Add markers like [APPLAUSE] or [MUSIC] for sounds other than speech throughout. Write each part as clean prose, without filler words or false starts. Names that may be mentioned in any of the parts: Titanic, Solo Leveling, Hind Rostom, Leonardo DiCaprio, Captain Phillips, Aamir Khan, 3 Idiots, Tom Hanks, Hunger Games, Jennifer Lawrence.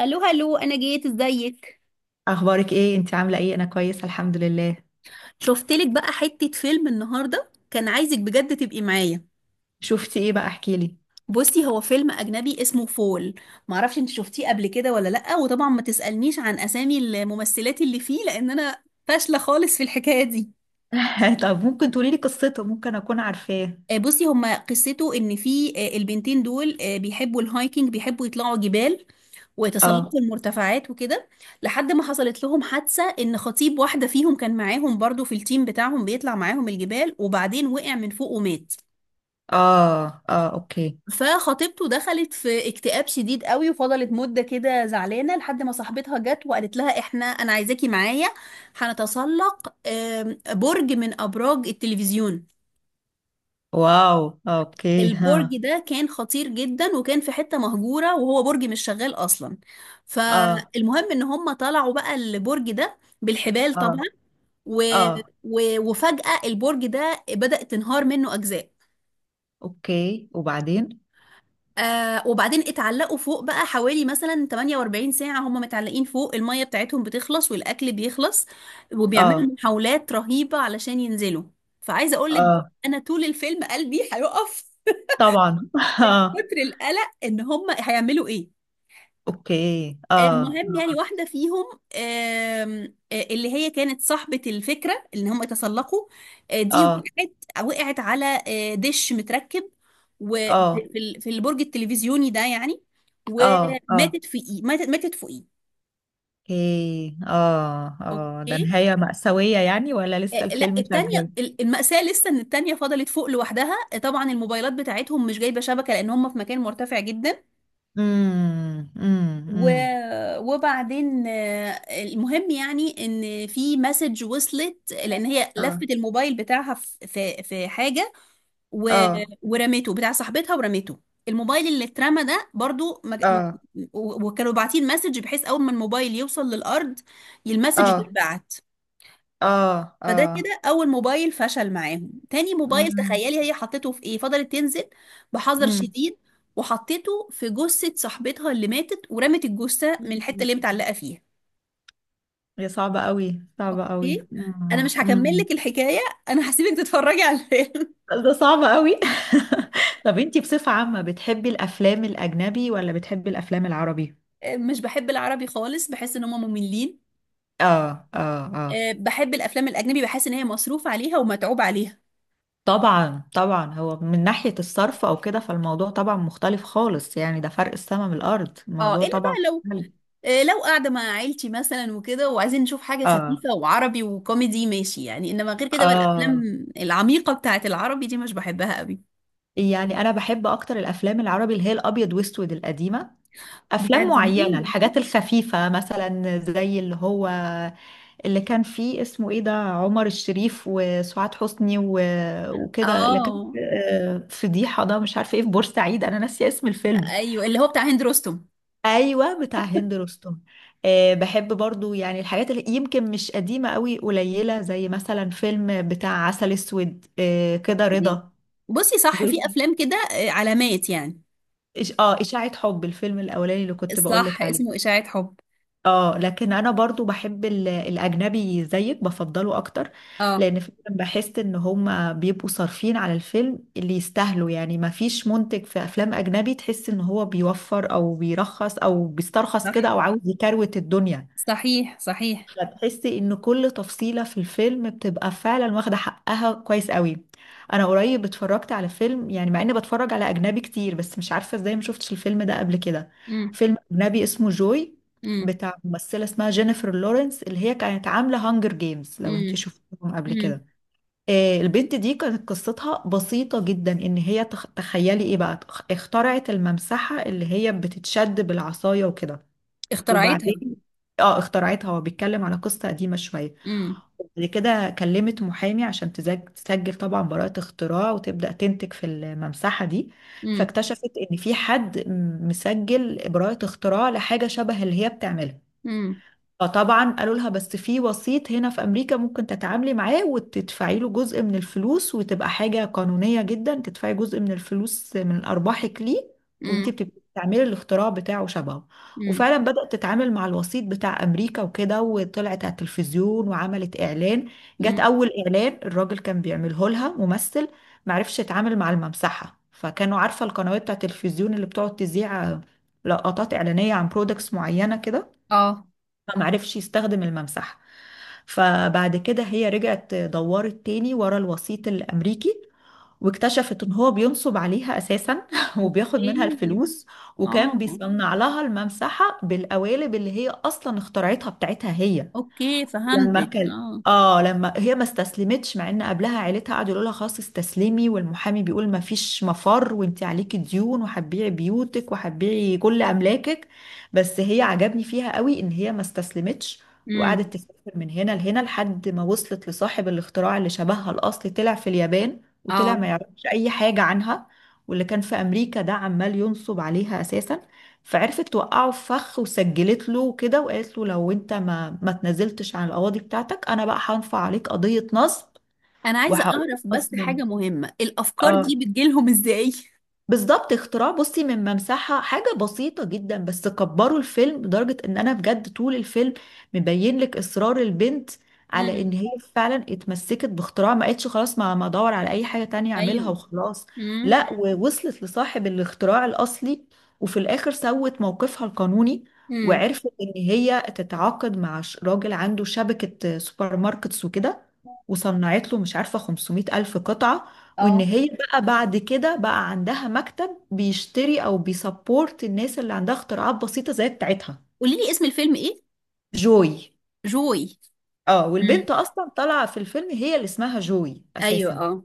الو هلو انا جيت ازيك اخبارك ايه؟ انت عامله ايه؟ انا كويسه، الحمد لله. شفتلك بقى حتة فيلم النهاردة كان عايزك بجد تبقي معايا. شفتي ايه بقى؟ احكي لي. بصي هو فيلم أجنبي اسمه فول. معرفش انت شفتيه قبل كده ولا لأ، وطبعا ما تسألنيش عن أسامي الممثلات اللي فيه لأن أنا فاشلة خالص في الحكاية دي. [LAUGHS] طب ممكن تقولي لي قصته؟ ممكن اكون عارفاه. بصي هما قصته إن في البنتين دول بيحبوا الهايكنج، بيحبوا يطلعوا جبال اه، وتسلقوا المرتفعات وكده. لحد ما حصلت لهم حادثة ان خطيب واحدة فيهم كان معاهم برضو في التيم بتاعهم، بيطلع معاهم الجبال، وبعدين وقع من فوق ومات. اه، اه، اوكي. فخطيبته دخلت في اكتئاب شديد قوي وفضلت مدة كده زعلانة لحد ما صاحبتها جت وقالت لها احنا انا عايزاكي معايا. هنتسلق برج من ابراج التلفزيون. واو، اوكي، ها. البرج ده كان خطير جدا وكان في حتة مهجورة وهو برج مش شغال أصلا. اه، فالمهم إن هم طلعوا بقى البرج ده بالحبال اه، طبعا. و... اه، وفجأة البرج ده بدأت تنهار منه أجزاء. اوكي، وبعدين؟ وبعدين اتعلقوا فوق بقى حوالي مثلا 48 ساعة، هم متعلقين فوق، المية بتاعتهم بتخلص والأكل بيخلص، وبيعملوا اه، محاولات رهيبة علشان ينزلوا. فعايزة أقولك، اه، أنا طول الفيلم قلبي هيقف طبعا. [LAUGHS] اه. كتر القلق إن هم هيعملوا إيه. اوكي، اه المهم يعني اه، واحدة فيهم، آم، آه، اللي هي كانت صاحبة الفكرة اللي هم تسلقوا، دي اه. وقعت. وقعت على دش متركب وفي في البرج التلفزيوني ده يعني، اه، اه، وماتت في ايه، ماتت فوقيه. اوكي، اه، اه، ده اوكي. نهايه مأساويه يعني ولا لسه لا الفيلم شغال؟ التانية، المأساة لسه ان التانية فضلت فوق لوحدها. طبعا الموبايلات بتاعتهم مش جايبة شبكة لان هم في مكان مرتفع جدا. امم، امم، و... امم. وبعدين المهم يعني ان في مسج وصلت لان هي اه، لفت الموبايل بتاعها في حاجه. و... اه، ورمته، بتاع صاحبتها ورمته. الموبايل اللي اترمى ده برضو اه، وكانوا باعتين مسج بحيث اول ما الموبايل يوصل للارض المسج اه، تتبعت. اه، فده اه. كده اول موبايل فشل معاهم. تاني موبايل، مم. تخيلي هي حطيته في ايه، فضلت تنزل بحذر مم. شديد وحطيته في جثة صاحبتها اللي ماتت، ورمت الجثة من الحتة مم. اللي هي متعلقة فيها. يا صعبة قوي، صعبة قوي. ايه. انا مم. مش هكمل مم. لك الحكاية، انا هسيبك تتفرجي على الفيلم. ده صعبة قوي. [LAUGHS] طب انتي بصفة عامة بتحبي الأفلام الأجنبي ولا بتحبي الأفلام العربي؟ [LAUGHS] مش بحب العربي خالص، بحس ان هم مملين. اه، اه، اه. بحب الافلام الاجنبي، بحس ان هي مصروف عليها ومتعوب عليها. طبعا، طبعا، هو من ناحية الصرف أو كده فالموضوع طبعا مختلف خالص، يعني ده فرق السما من الأرض، اه الموضوع الا طبعا بقى لو مختلف. لو قاعدة مع عيلتي مثلا وكده وعايزين نشوف حاجة اه، خفيفة وعربي وكوميدي، ماشي يعني، انما غير كده بقى اه. الافلام العميقة بتاعت العربي دي مش بحبها قوي. يعني أنا بحب أكتر الأفلام العربي اللي هي الأبيض وأسود القديمة، افلام بتاعت معينه، زمان. الحاجات الخفيفه مثلا، زي اللي هو اللي كان فيه اسمه ايه ده، عمر الشريف وسعاد حسني و... وكده اللي كان... اه. فضيحه ده مش عارفه ايه في بورسعيد، انا ناسيه اسم الفيلم. ايوه، اللي هو بتاع هند رستم. ايوه، بتاع هند رستم. أه، بحب برضو يعني الحاجات اللي يمكن مش قديمه قوي، قليله، زي مثلا فيلم بتاع عسل اسود، أه كده، دي. رضا. بصي صح، في دول- افلام كده علامات يعني. اشاعه حب، الفيلم الاولاني اللي كنت صح، بقولك اسمه عليه. اشاعة حب. اه، لكن انا برضو بحب الاجنبي زيك، بفضله اكتر. اه. لان فعلا بحس ان هما بيبقوا صارفين على الفيلم اللي يستاهلوا، يعني ما فيش منتج في افلام اجنبي تحس ان هو بيوفر او بيرخص او بيسترخص صح، كده او عاوز يكروت الدنيا. صحيح صحيح. فتحسي ان كل تفصيلة في الفيلم بتبقى فعلا واخدة حقها كويس قوي. انا قريب اتفرجت على فيلم، يعني مع اني بتفرج على اجنبي كتير، بس مش عارفة ازاي ما شفتش الفيلم ده قبل كده. امم، فيلم اجنبي اسمه جوي، امم، بتاع ممثلة اسمها جينيفر لورنس، اللي هي كانت عاملة هانجر جيمز لو انت امم، شفتهم قبل امم. كده. البنت دي كانت قصتها بسيطة جدا، ان هي تخيلي ايه بقى، اخترعت الممسحة اللي هي بتتشد بالعصاية وكده. اخترعتها. وبعدين، اه، اخترعتها. هو بيتكلم على قصة قديمة شوية. امم، بعد كده كلمت محامي عشان تسجل طبعا براءة اختراع وتبدأ تنتج في الممسحة دي. امم، فاكتشفت ان في حد مسجل براءة اختراع لحاجة شبه اللي هي بتعملها. امم، فطبعا قالوا لها بس في وسيط هنا في امريكا ممكن تتعاملي معاه وتدفعي له جزء من الفلوس، وتبقى حاجه قانونيه جدا تدفعي جزء من الفلوس من ارباحك ليه، وانت امم، بتبقي بتعملي الاختراع بتاعه شبهه. وفعلا بدأت تتعامل مع الوسيط بتاع امريكا وكده، وطلعت على التلفزيون وعملت اعلان. جت امم. اول اعلان الراجل كان بيعمله لها ممثل معرفش يتعامل مع الممسحه. فكانوا عارفه القنوات بتاع التلفزيون اللي بتقعد تذيع لقطات اعلانيه عن برودكتس معينه كده، اه، ما معرفش يستخدم الممسحة. فبعد كده هي رجعت دورت تاني ورا الوسيط الأمريكي، واكتشفت ان هو بينصب عليها اساسا [LAUGHS] وبياخد منها اوكي. الفلوس. وكان اه، بيصنع لها الممسحة بالقوالب اللي هي اصلا اخترعتها بتاعتها هي. اوكي، لما فهمتك كان اه. اه لما هي ما استسلمتش، مع ان قبلها عيلتها قعدوا يقولوا لها خلاص استسلمي، والمحامي بيقول ما فيش مفر وانت عليكي ديون وهتبيعي بيوتك وهتبيعي كل املاكك، بس هي عجبني فيها قوي ان هي ما استسلمتش. امم. وقعدت تسافر من هنا لهنا لحد ما وصلت لصاحب الاختراع اللي شبهها الاصلي، طلع في اليابان وطلع ما اه. يعرفش اي حاجة عنها. واللي كان في امريكا ده عمال ينصب عليها اساسا. فعرفت توقعه في فخ وسجلت له كده، وقالت له لو انت ما تنازلتش عن القواضي بتاعتك انا بقى هنفع عليك قضية نصب، انا عايزه وهقول اعرف بس اصلا. حاجه مهمه، الافكار اه، دي بتجيلهم ازاي؟ بالظبط، اختراع بصي من ممسحة حاجة بسيطة جدا، بس كبروا الفيلم لدرجة ان انا بجد طول الفيلم مبين لك اصرار البنت على امم. ان هي فعلا اتمسكت باختراع، ما قالتش خلاص ما ادور على اي حاجة تانية اعملها ايوه. وخلاص. امم، لا، ووصلت لصاحب الاختراع الاصلي، وفي الاخر سوت موقفها القانوني، امم. وعرفت ان هي تتعاقد مع راجل عنده شبكة سوبر ماركتس وكده، وصنعت له مش عارفة 500 ألف قطعة. وان اه. هي بقى بعد كده بقى عندها مكتب بيشتري او بيسبورت الناس اللي عندها اختراعات بسيطة زي بتاعتها. قولي لي اسم الفيلم ايه. جوي. جوي. اه، امم. والبنت اصلا طالعة في الفيلم، هي اللي اسمها جوي ايوه، اساسا. اه.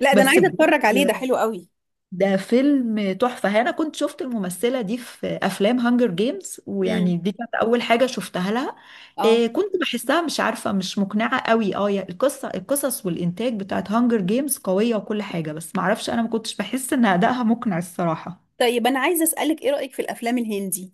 لا ده انا بس عايزه بجد اتفرج عليه، ده حلو قوي. ده فيلم تحفة. انا كنت شفت الممثلة دي في افلام هانجر جيمز، امم. ويعني دي كانت اول حاجة شفتها لها. إيه، اه. كنت بحسها مش عارفة، مش مقنعة قوي. اه، القصص والانتاج بتاعت هانجر جيمز قوية وكل حاجة، بس معرفش انا ما كنتش بحس ان ادائها مقنع الصراحة. طيب انا عايزه اسالك ايه رايك في الافلام الهندي؟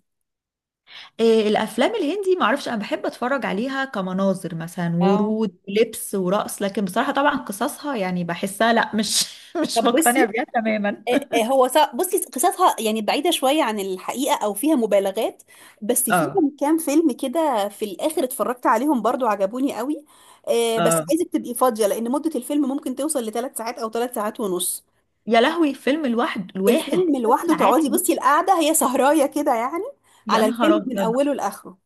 إيه الافلام الهندي، معرفش، انا بحب اتفرج عليها كمناظر مثلا، اه. ورود ولبس ورقص، لكن بصراحه طبعا قصصها يعني بحسها لا، مش [LAUGHS] مش طب مقتنع بصي، بيها تماما. بصي قصصها يعني بعيدة شوية عن الحقيقة أو فيها مبالغات، بس اه، فيهم كام فيلم كده في الآخر اتفرجت عليهم برضو عجبوني قوي. بس اه. عايزك تبقي فاضية لأن مدة الفيلم ممكن توصل لثلاث ساعات أو 3 ساعات ونص. يا لهوي، فيلم الواحد الفيلم ثلاث لوحده ساعات تقعدي، بصي، ونص؟ القعدة هي سهراية كده يعني يا على نهار الفيلم من ابيض. أوله لآخره.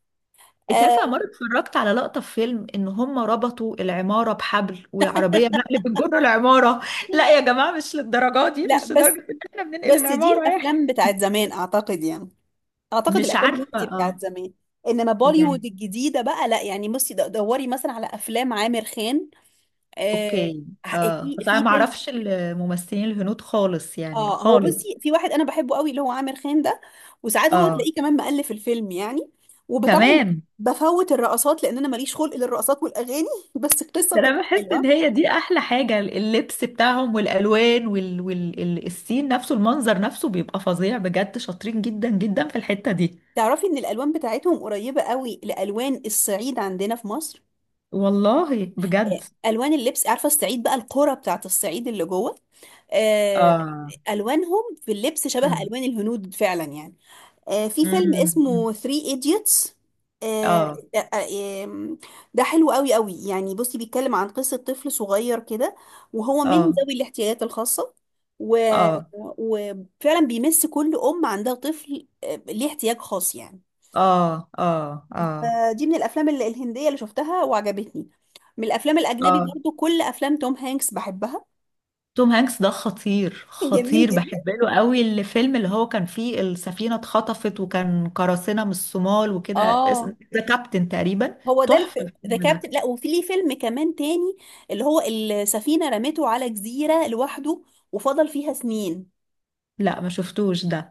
انت عارفه آه، مره اتفرجت على لقطه في فيلم ان هم ربطوا العماره بحبل وعربيه نقل بتجر العماره. لا يا جماعه مش للدرجه دي، لا مش بس، لدرجه ان احنا بننقل بس دي العماره الأفلام يعني. بتاعت زمان أعتقد يعني. اعتقد مش الافلام عارفه، الهندي بتاعت اه. زمان، انما بوليوود يعني، الجديده بقى لا، يعني بصي دوري مثلا على افلام عامر خان. آه اوكي. اه، في بس انا ما فيلم. اعرفش الممثلين الهنود خالص، يعني اه، هو خالص. بصي في واحد انا بحبه قوي اللي هو عامر خان ده، وساعات هو اه، تلاقيه كمان مؤلف الفيلم يعني. وطبعا كمان. بفوت الرقصات لان انا ماليش خلق للرقصات والاغاني [LAUGHS] بس القصه ده انا بتبقى بحس ان حلوه. هي دي احلى حاجة، اللبس بتاعهم والالوان وال... وال... ال- السين نفسه، المنظر نفسه بيبقى فظيع بجد، شاطرين جدا جدا في الحتة دي. تعرفي ان الالوان بتاعتهم قريبه قوي لالوان الصعيد عندنا في مصر؟ والله بجد. الوان اللبس، عارفه الصعيد بقى، القرى بتاعت الصعيد اللي جوه، آه، اه. الوانهم في اللبس شبه امم. الوان الهنود فعلا يعني. في فيلم امم. أمم. اسمه 3 ايديوتس، اه، ده آه، ده حلو قوي قوي يعني. بصي بيتكلم عن قصة طفل صغير كده وهو من اه، ذوي الاحتياجات الخاصة، و... اه، وفعلا بيمس كل أم عندها طفل ليه احتياج خاص يعني. اه، اه، اه. فدي من الافلام الهنديه اللي شفتها وعجبتني. من الافلام الاجنبي آه. برضو كل افلام توم هانكس بحبها. توم هانكس ده خطير، [LAUGHS] جميل خطير، جدا. بحب له قوي. الفيلم اللي هو كان فيه السفينة اتخطفت وكان قراصنة من الصومال وكده، اه. ذا كابتن تقريبا. هو ده. تحفة ذا الفيلم ده. كابتن، لا وفي ليه فيلم كمان تاني اللي هو السفينه رمته على جزيره لوحده وفضل فيها سنين. لا ما شفتوش ده.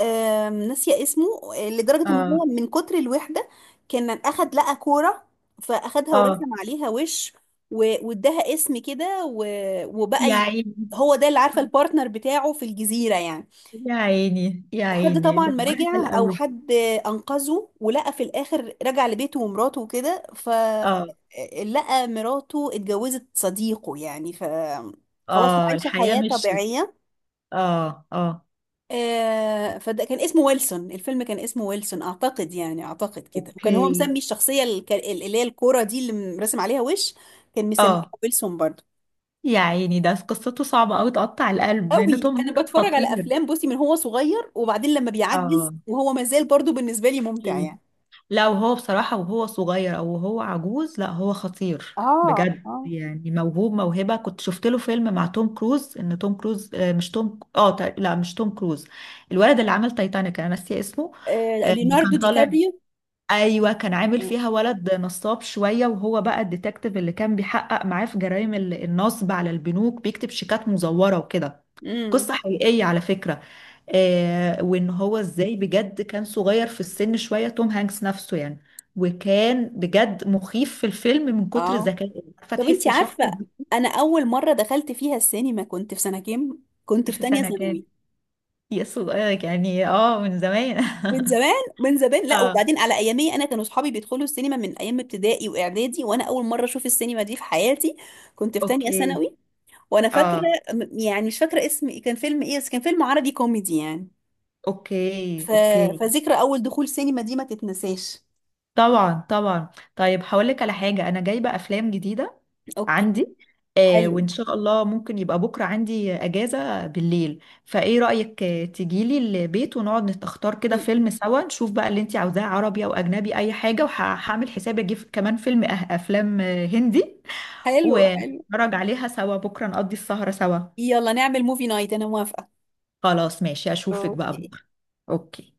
ناسيه اسمه. لدرجه ان اه، هو من كتر الوحده كان اخد، لقى كوره فاخدها اه. ورسم عليها وش واداها اسم كده يا عيني، هو ده اللي عارفه البارتنر بتاعه في الجزيره يعني. يا عيني. يا حد عيني، طبعا ده ما بهدل رجع، او قوي. حد انقذه، ولقى في الاخر رجع لبيته ومراته وكده، ف اه، لقى مراته اتجوزت صديقه يعني، ف خلاص كانت اه، عايشه الحياة حياه مشيت. طبيعيه. اه، اه، فده كان اسمه ويلسون، الفيلم كان اسمه ويلسون اعتقد يعني، اعتقد كده. وكان هو اوكي. مسمي الشخصيه اللي هي الكوره دي اللي مرسم عليها وش، كان مسميها اه، ويلسون برضه. يا عيني، ده قصته صعبة قوي، تقطع القلب، مع ان قوي توم انا هانكس بتفرج على خطير. افلام، بصي من هو صغير وبعدين لما بيعجز اه، وهو مازال برضه بالنسبه لي ممتع اوكي. يعني. لا وهو بصراحة، وهو صغير أو وهو عجوز، لا هو خطير اه، بجد، اه. يعني موهوب موهبة. كنت شفت له فيلم مع توم كروز، إن توم كروز مش توم، لا مش توم كروز، الولد اللي عمل تايتانيك، أنا ناسية اسمه. ليوناردو كان دي طالع. كابريو. أيوة، كان عامل اه. فيها ولد نصاب شوية، وهو بقى الديتكتيف اللي كان بيحقق معاه في جرائم النصب على البنوك، بيكتب شيكات مزورة وكده. امم. قصة حقيقية على فكرة. آه، وان هو ازاي بجد، كان صغير في السن شوية توم هانكس نفسه يعني، وكان بجد مخيف في الفيلم من كتر آه. ذكائه، عارفة طب انت تحسي شخص. عارفة انا اول مرة دخلت فيها السينما كنت في سنة كام؟ كنت في في تانية سنة كام؟ ثانوي. يا صغير، يعني اه، من زمان. من زمان من زمان. [LAUGHS] لا اه، وبعدين على ايامي انا كانوا اصحابي بيدخلوا السينما من ايام ابتدائي واعدادي، وانا اول مرة اشوف السينما دي في حياتي. كنت في تانية اوكي. ثانوي. وانا فاكرة. اه، يعني مش فاكرة اسم إيه، كان فيلم ايه، بس كان فيلم عربي كوميدي يعني. اوكي، ف... اوكي. فذكرى اول دخول سينما دي ما تتنساش. طبعا، طبعا. طيب هقول لك على حاجة، انا جايبة افلام جديدة اوكي. عندي، آه، حلو. وإن شاء الله ممكن يبقى بكرة عندي أجازة بالليل. فإيه رأيك، تجيلي البيت ونقعد نختار كده فيلم سوا، نشوف بقى اللي أنت عاوزاه عربي أو أجنبي أي حاجة، وهعمل حسابي أجيب كمان فيلم، أه، أفلام هندي، حلو حلو. ونتفرج عليها سوا بكرة، نقضي السهرة سوا. يلا نعمل موفي نايت، انا موافقة. خلاص ماشي، أشوفك بقى اوكي. بكرة. أوكي.